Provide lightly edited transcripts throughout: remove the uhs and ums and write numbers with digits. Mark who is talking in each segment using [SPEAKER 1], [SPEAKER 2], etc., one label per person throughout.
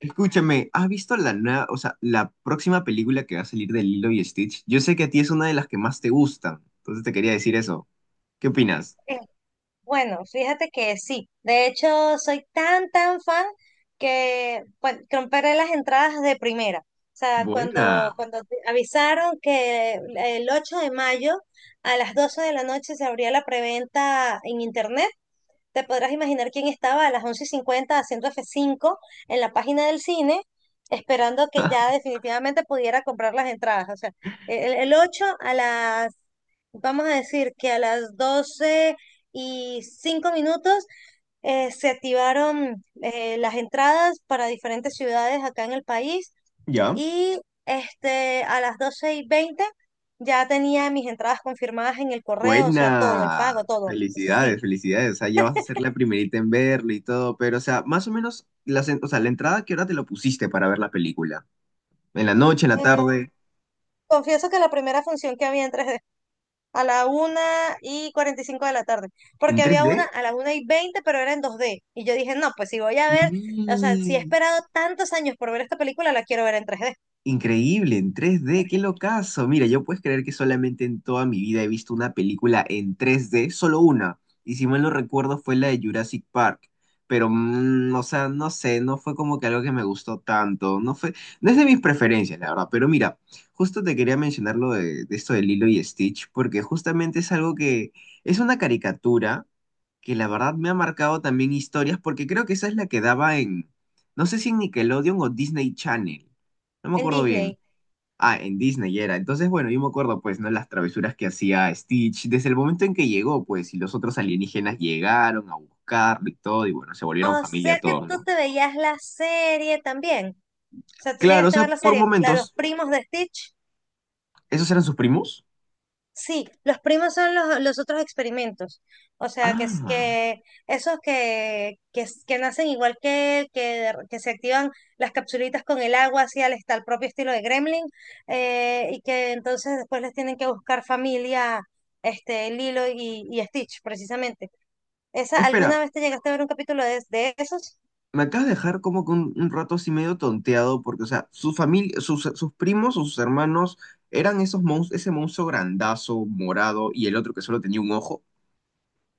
[SPEAKER 1] Escúchame, ¿has visto la nueva, la próxima película que va a salir de Lilo y Stitch? Yo sé que a ti es una de las que más te gustan, entonces te quería decir eso. ¿Qué opinas?
[SPEAKER 2] Eh, Bueno, fíjate que sí. De hecho, soy tan, tan fan que bueno, compré las entradas de primera. O sea, cuando,
[SPEAKER 1] Buena.
[SPEAKER 2] cuando te avisaron que el 8 de mayo a las 12 de la noche se abría la preventa en internet, te podrás imaginar quién estaba a las once y cincuenta haciendo f cinco en la página del cine, esperando que ya definitivamente pudiera comprar las entradas. O sea, el 8 a vamos a decir que a las 12 y 5 minutos se activaron las entradas para diferentes ciudades acá en el país
[SPEAKER 1] ¿Ya?
[SPEAKER 2] y a las 12 y 20 ya tenía mis entradas confirmadas en el correo, o sea, todo, el
[SPEAKER 1] Buena.
[SPEAKER 2] pago, todo.
[SPEAKER 1] Felicidades,
[SPEAKER 2] Sí.
[SPEAKER 1] felicidades. O sea, ya vas a ser la primerita en verlo y todo, pero, o sea, más o menos, o sea, la entrada, ¿qué hora te lo pusiste para ver la película? ¿En la noche, en la tarde?
[SPEAKER 2] Confieso que la primera función que había en 3D, a la una y 45 de la tarde,
[SPEAKER 1] ¿En
[SPEAKER 2] porque había una
[SPEAKER 1] 3D?
[SPEAKER 2] a la una y 20 pero era en 2D. Y yo dije, no, pues si voy a ver, o sea, si he esperado tantos años por ver esta película, la quiero ver en 3D,
[SPEAKER 1] Increíble, en tres d qué locazo. Mira, yo puedes creer que solamente en toda mi vida he visto una película en tres d solo una. Y si mal no recuerdo fue la de Jurassic Park. Pero, o sea, no sé, no fue como que algo que me gustó tanto. No es de mis preferencias, la verdad. Pero mira, justo te quería mencionar lo de esto de Lilo y Stitch, porque justamente es algo que es una caricatura que la verdad me ha marcado también historias, porque creo que esa es la que no sé si en Nickelodeon o Disney Channel, no me
[SPEAKER 2] en
[SPEAKER 1] acuerdo bien.
[SPEAKER 2] Disney.
[SPEAKER 1] Ah, en Disney era. Entonces, bueno, yo me acuerdo, pues, ¿no? Las travesuras que hacía Stitch desde el momento en que llegó, pues, y los otros alienígenas llegaron a buscarlo y todo, y bueno, se volvieron
[SPEAKER 2] O
[SPEAKER 1] familia
[SPEAKER 2] sea que
[SPEAKER 1] todos,
[SPEAKER 2] tú
[SPEAKER 1] ¿no?
[SPEAKER 2] te veías la serie también. O sea, tú
[SPEAKER 1] Claro, o
[SPEAKER 2] llegaste a
[SPEAKER 1] sea,
[SPEAKER 2] ver la
[SPEAKER 1] por
[SPEAKER 2] serie, la de los
[SPEAKER 1] momentos,
[SPEAKER 2] primos de Stitch.
[SPEAKER 1] ¿esos eran sus primos?
[SPEAKER 2] Sí, los primos son los otros experimentos. O sea, que
[SPEAKER 1] Ah,
[SPEAKER 2] es que esos que nacen igual que él, de que se activan las capsulitas con el agua, al propio estilo de Gremlin, y que entonces después les tienen que buscar familia, Lilo y Stitch, precisamente. ¿Esa,
[SPEAKER 1] espera,
[SPEAKER 2] alguna vez te llegaste a ver un capítulo de esos?
[SPEAKER 1] Me acabas de dejar como que un rato así medio tonteado, porque, o sea, su familia, sus primos o sus hermanos eran esos monstruos, ese monstruo grandazo, morado, y el otro que solo tenía un ojo.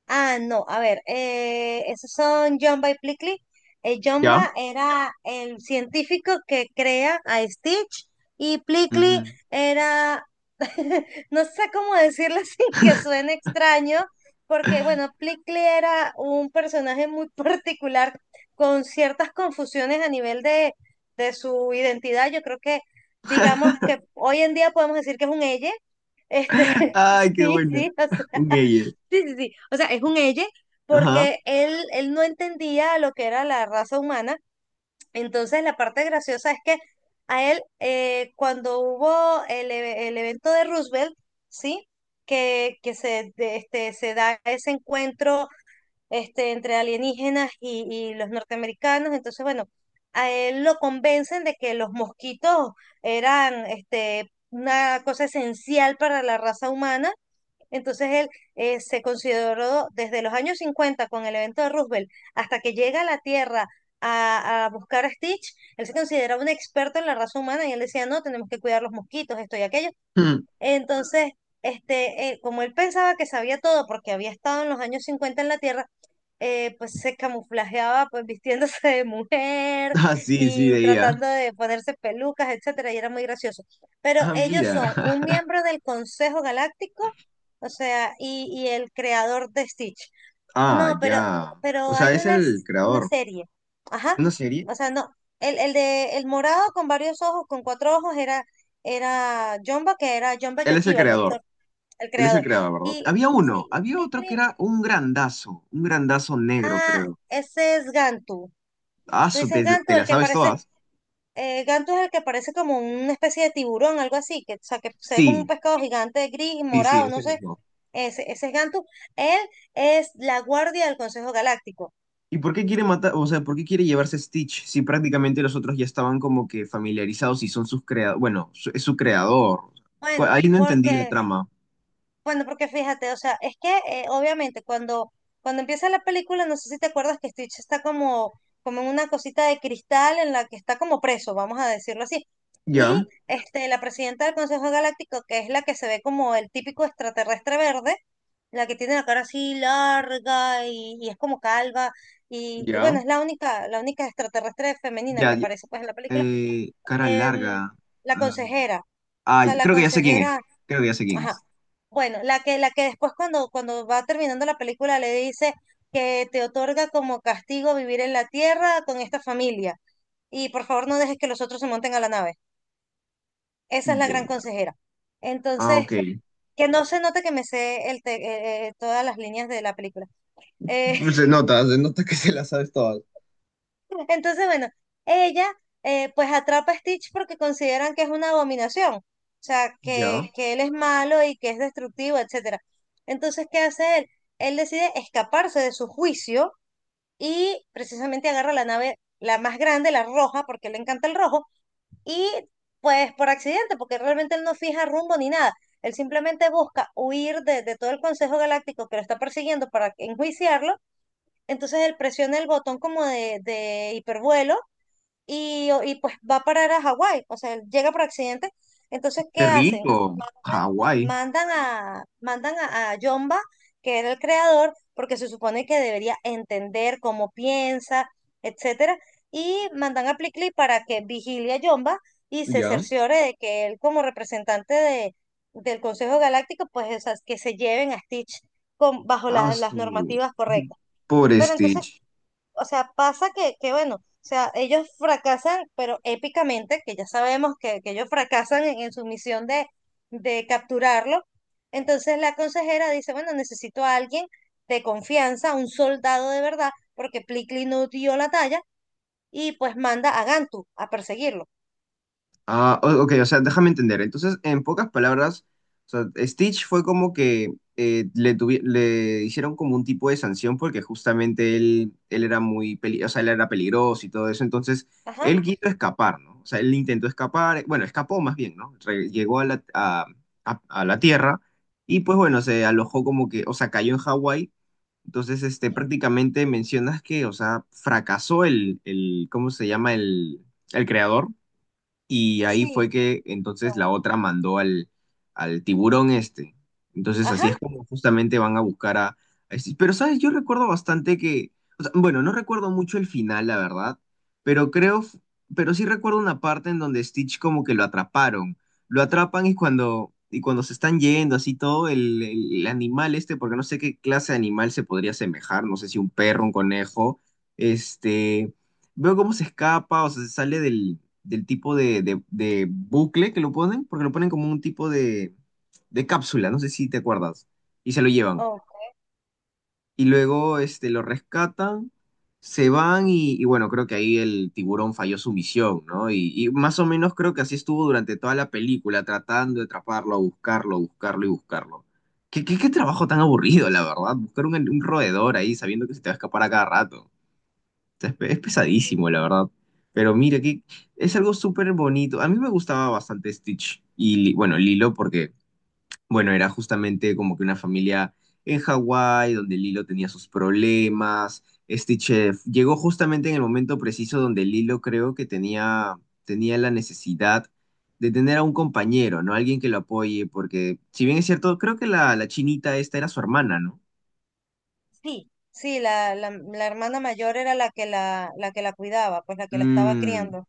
[SPEAKER 2] Ah, no, a ver, esos son Jumba y Plickly.
[SPEAKER 1] ¿Ya?
[SPEAKER 2] Jumba era el científico que crea a Stitch y Plickly
[SPEAKER 1] Ujú.
[SPEAKER 2] era, no sé cómo decirlo sin que suene extraño, porque bueno, Plickly era un personaje muy particular con ciertas confusiones a nivel de su identidad. Yo creo digamos que hoy en día podemos decir que es un elle.
[SPEAKER 1] Ay, qué
[SPEAKER 2] Sí, sí,
[SPEAKER 1] buena.
[SPEAKER 2] o sea.
[SPEAKER 1] Un ella.
[SPEAKER 2] Sí, sí, sí. O sea, es un ella
[SPEAKER 1] Ajá.
[SPEAKER 2] porque él no entendía lo que era la raza humana. Entonces, la parte graciosa es que a él, cuando hubo el evento de Roosevelt, ¿sí? Que se da ese encuentro entre alienígenas y los norteamericanos. Entonces, bueno, a él lo convencen de que los mosquitos eran una cosa esencial para la raza humana entonces él se consideró desde los años 50 con el evento de Roosevelt hasta que llega a la Tierra a buscar a Stitch, él se consideraba un experto en la raza humana y él decía, no, tenemos que cuidar los mosquitos, esto y aquello.
[SPEAKER 1] Mm.
[SPEAKER 2] Entonces, como él pensaba que sabía todo porque había estado en los años 50 en la Tierra, pues se camuflajeaba pues vistiéndose de mujer
[SPEAKER 1] Ah, sí,
[SPEAKER 2] y
[SPEAKER 1] sí,
[SPEAKER 2] tratando
[SPEAKER 1] veía.
[SPEAKER 2] de ponerse pelucas, etcétera, y era muy gracioso. Pero
[SPEAKER 1] Ah,
[SPEAKER 2] ellos
[SPEAKER 1] mira.
[SPEAKER 2] son un miembro del Consejo Galáctico, o sea, y el creador de Stitch.
[SPEAKER 1] Ah,
[SPEAKER 2] No,
[SPEAKER 1] ya. O
[SPEAKER 2] pero
[SPEAKER 1] sea,
[SPEAKER 2] hay
[SPEAKER 1] es
[SPEAKER 2] una,
[SPEAKER 1] el
[SPEAKER 2] una
[SPEAKER 1] creador.
[SPEAKER 2] serie, ajá,
[SPEAKER 1] ¿Una serie?
[SPEAKER 2] o sea, no, el de el morado con varios ojos, con cuatro ojos, era Jumba, que era Jumba
[SPEAKER 1] Él es el
[SPEAKER 2] Yokiba, el
[SPEAKER 1] creador.
[SPEAKER 2] doctor, el
[SPEAKER 1] Él es el
[SPEAKER 2] creador.
[SPEAKER 1] creador, ¿verdad?
[SPEAKER 2] Y
[SPEAKER 1] Había uno.
[SPEAKER 2] sí, y
[SPEAKER 1] Había otro que
[SPEAKER 2] Plickly,
[SPEAKER 1] era un grandazo. Un grandazo negro,
[SPEAKER 2] ah,
[SPEAKER 1] creo.
[SPEAKER 2] ese es Gantu.
[SPEAKER 1] Ah,
[SPEAKER 2] Tú
[SPEAKER 1] su,
[SPEAKER 2] dices gantu,
[SPEAKER 1] te la
[SPEAKER 2] el que
[SPEAKER 1] sabes
[SPEAKER 2] parece,
[SPEAKER 1] todas.
[SPEAKER 2] gantu es el que parece como una especie de tiburón, algo así, que, o sea, que se ve como un
[SPEAKER 1] Sí,
[SPEAKER 2] pescado gigante gris,
[SPEAKER 1] sí, sí,
[SPEAKER 2] morado, no
[SPEAKER 1] ese
[SPEAKER 2] sé.
[SPEAKER 1] mismo.
[SPEAKER 2] Ese es Gantu. Él es la guardia del Consejo Galáctico.
[SPEAKER 1] ¿Y por qué quiere matar, o sea, por qué quiere llevarse a Stitch si prácticamente los otros ya estaban como que familiarizados y son sus creadores, bueno, su- es su creador. Cu-
[SPEAKER 2] Bueno,
[SPEAKER 1] Ahí no entendí la
[SPEAKER 2] porque,
[SPEAKER 1] trama.
[SPEAKER 2] bueno, porque fíjate, o sea, es que obviamente cuando empieza la película, no sé si te acuerdas que Stitch está como en una cosita de cristal en la que está como preso, vamos a decirlo así.
[SPEAKER 1] Ya,
[SPEAKER 2] Y la presidenta del Consejo Galáctico, que es la que se ve como el típico extraterrestre verde, la que tiene la cara así larga y es como calva. Y bueno,
[SPEAKER 1] ya,
[SPEAKER 2] es la única extraterrestre femenina
[SPEAKER 1] ya,
[SPEAKER 2] que
[SPEAKER 1] ya.
[SPEAKER 2] aparece pues en la película.
[SPEAKER 1] Cara larga.
[SPEAKER 2] Em, la
[SPEAKER 1] ah,
[SPEAKER 2] consejera. O sea, la
[SPEAKER 1] Creo que ya sé quién es.
[SPEAKER 2] consejera,
[SPEAKER 1] Creo que ya sé quién
[SPEAKER 2] ajá.
[SPEAKER 1] es.
[SPEAKER 2] Bueno, la que después cuando va terminando la película le dice que te otorga como castigo vivir en la tierra con esta familia. Y por favor no dejes que los otros se monten a la nave. Esa es la gran
[SPEAKER 1] Bien.
[SPEAKER 2] consejera.
[SPEAKER 1] Ah,
[SPEAKER 2] Entonces,
[SPEAKER 1] ok.
[SPEAKER 2] que no se note que me sé todas las líneas de la película. Eh,
[SPEAKER 1] Pues se nota que se las sabes todas.
[SPEAKER 2] Entonces, bueno, ella pues atrapa a Stitch porque consideran que es una abominación, o sea,
[SPEAKER 1] Ya.
[SPEAKER 2] que él es malo y que es destructivo, etcétera. Entonces, ¿qué hace él? Él decide escaparse de su juicio y precisamente agarra la nave, la más grande, la roja, porque le encanta el rojo, y pues por accidente, porque realmente él no fija rumbo ni nada. Él simplemente busca huir de todo el Consejo Galáctico que lo está persiguiendo para enjuiciarlo. Entonces él presiona el botón como de hipervuelo y pues va a parar a Hawái, o sea, él llega por accidente. Entonces, ¿qué
[SPEAKER 1] Qué
[SPEAKER 2] hacen?
[SPEAKER 1] rico. Hawái.
[SPEAKER 2] Mandan a Yomba, que era el creador, porque se supone que debería entender cómo piensa, etcétera, y mandan a Plickly para que vigile a Yomba y se
[SPEAKER 1] Ya.
[SPEAKER 2] cerciore de que él, como representante de, del Consejo Galáctico, pues o sea, que se lleven a Stitch con, bajo
[SPEAKER 1] Ah,
[SPEAKER 2] las
[SPEAKER 1] su...
[SPEAKER 2] normativas correctas.
[SPEAKER 1] Pobre
[SPEAKER 2] Pero entonces,
[SPEAKER 1] Stitch.
[SPEAKER 2] o sea, pasa que bueno, o sea, ellos fracasan, pero épicamente, que ya sabemos que ellos fracasan en su misión de capturarlo. Entonces la consejera dice, bueno, necesito a alguien de confianza, un soldado de verdad, porque Plickly no dio la talla, y pues manda a Gantu a perseguirlo.
[SPEAKER 1] Ah, o- ok, o sea, déjame entender. Entonces, en pocas palabras, o sea, Stitch fue como que le hicieron como un tipo de sanción porque justamente él era muy peli- o sea, él era peligroso y todo eso. Entonces,
[SPEAKER 2] Ajá,
[SPEAKER 1] él quiso escapar, ¿no? O sea, él intentó escapar, bueno, escapó más bien, ¿no? Re- llegó a a la Tierra y pues bueno, se alojó como que, o sea, cayó en Hawái. Entonces, este, prácticamente mencionas que, o sea, fracasó ¿cómo se llama? El creador y ahí
[SPEAKER 2] sí,
[SPEAKER 1] fue que entonces la otra mandó al tiburón este. Entonces
[SPEAKER 2] ajá,
[SPEAKER 1] así es como justamente van a buscar a este- Pero, ¿sabes? Yo recuerdo bastante que... o sea, bueno, no recuerdo mucho el final, la verdad, pero creo... f- Pero sí recuerdo una parte en donde Stitch como que lo atraparon. Lo atrapan y cuando se están yendo, así todo, el animal este, porque no sé qué clase de animal se podría asemejar, no sé si un perro, un conejo, este... Veo cómo se escapa, o sea, se sale del tipo de bucle que lo ponen, porque lo ponen como un tipo de cápsula, no sé si te acuerdas, y se lo llevan.
[SPEAKER 2] oh,
[SPEAKER 1] Y luego este, lo rescatan, se van y bueno, creo que ahí el tiburón falló su misión, ¿no? Y más o menos creo que así estuvo durante toda la película, tratando de atraparlo, buscarlo, buscarlo y buscarlo. ¿Qué trabajo tan aburrido, la verdad? Buscar un roedor ahí sabiendo que se te va a escapar a cada rato sea, es pe- es pesadísimo, la verdad. Pero mira, que es algo súper bonito. A mí me gustaba bastante Stitch y, Li- bueno, Lilo, porque, bueno, era justamente como que una familia en Hawái, donde Lilo tenía sus problemas. Stitch llegó justamente en el momento preciso donde Lilo creo tenía la necesidad de tener a un compañero, ¿no? Alguien que lo apoye, porque, si bien es cierto, creo que la chinita esta era su hermana, ¿no?
[SPEAKER 2] sí, sí, la hermana mayor era la que la que la cuidaba, pues la que la estaba criando.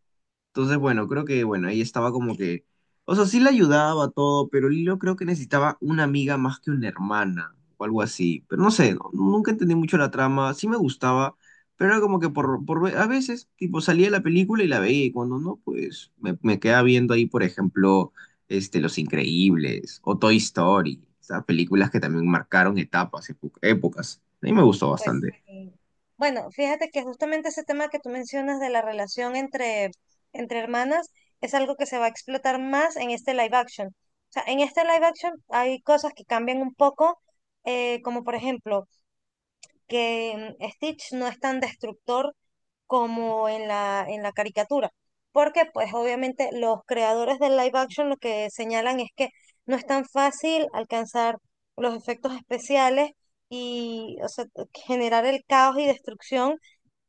[SPEAKER 1] Entonces, bueno, creo que, bueno, ahí estaba como que, o sea, sí le ayudaba todo, pero Lilo creo que necesitaba una amiga más que una hermana o algo así. Pero no sé, nunca entendí mucho la trama, sí me gustaba, pero era como que por ve- a veces, tipo, salía de la película y la veía y cuando no, pues me quedaba viendo ahí, por ejemplo, este, Los Increíbles o Toy Story, esas películas que también marcaron etapas, epo- épocas. A mí me gustó
[SPEAKER 2] Pues
[SPEAKER 1] bastante.
[SPEAKER 2] sí. Bueno, fíjate que justamente ese tema que tú mencionas de la relación entre, entre hermanas es algo que se va a explotar más en este live action. O sea, en este live action hay cosas que cambian un poco, como por ejemplo, que Stitch no es tan destructor como en la caricatura. Porque pues obviamente los creadores del live action lo que señalan es que no es tan fácil alcanzar los efectos especiales y o sea, generar el caos y destrucción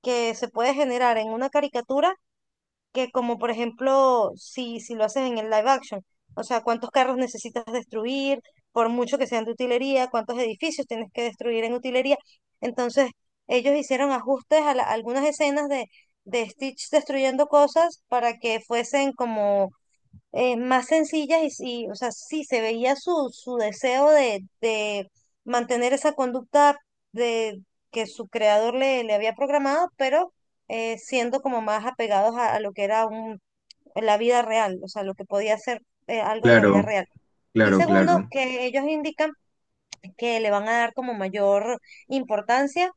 [SPEAKER 2] que se puede generar en una caricatura que como por ejemplo, si lo haces en el live action, o sea, cuántos carros necesitas destruir, por mucho que sean de utilería, cuántos edificios tienes que destruir en utilería. Entonces, ellos hicieron ajustes a, algunas escenas de Stitch destruyendo cosas para que fuesen como más sencillas y sí, o sea, sí se veía su, su deseo de mantener esa conducta de que su creador le, le había programado, pero siendo como más apegados a lo que era la vida real, o sea, lo que podía ser algo en la vida
[SPEAKER 1] Claro,
[SPEAKER 2] real. Y
[SPEAKER 1] claro,
[SPEAKER 2] segundo,
[SPEAKER 1] claro.
[SPEAKER 2] que ellos indican que le van a dar como mayor importancia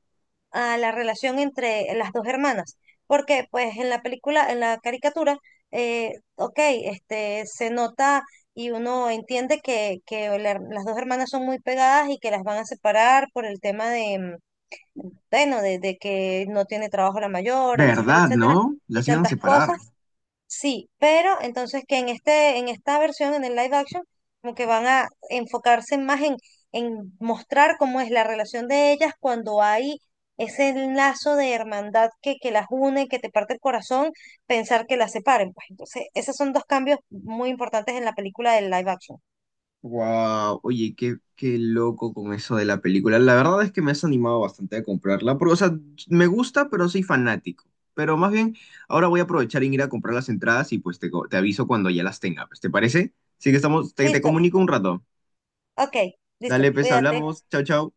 [SPEAKER 2] a la relación entre las dos hermanas. Porque, pues, en la película, en la caricatura, ok, este, se nota y uno entiende que las dos hermanas son muy pegadas y que las van a separar por el tema de, bueno, de que no tiene trabajo la mayor, etcétera,
[SPEAKER 1] ¿Verdad,
[SPEAKER 2] etcétera,
[SPEAKER 1] no?
[SPEAKER 2] y
[SPEAKER 1] Las iban a
[SPEAKER 2] tantas
[SPEAKER 1] separar.
[SPEAKER 2] cosas. Sí, pero entonces que en este, en esta versión, en el live action, como que van a enfocarse más en mostrar cómo es la relación de ellas cuando hay ese lazo de hermandad que las une, que te parte el corazón, pensar que las separen. Pues entonces, esos son dos cambios muy importantes en la película del live action.
[SPEAKER 1] Wow, oye, qué loco con eso de la película. La verdad es que me has animado bastante a comprarla, porque, o sea, me gusta, pero soy fanático. Pero más bien, ahora voy a aprovechar en ir a comprar las entradas y pues te, co- te aviso cuando ya las tenga, pues, ¿te parece? Así que estamos, te
[SPEAKER 2] Listo,
[SPEAKER 1] comunico un rato.
[SPEAKER 2] ok, listo,
[SPEAKER 1] Dale, pues,
[SPEAKER 2] cuídate.
[SPEAKER 1] hablamos. Chao, chao.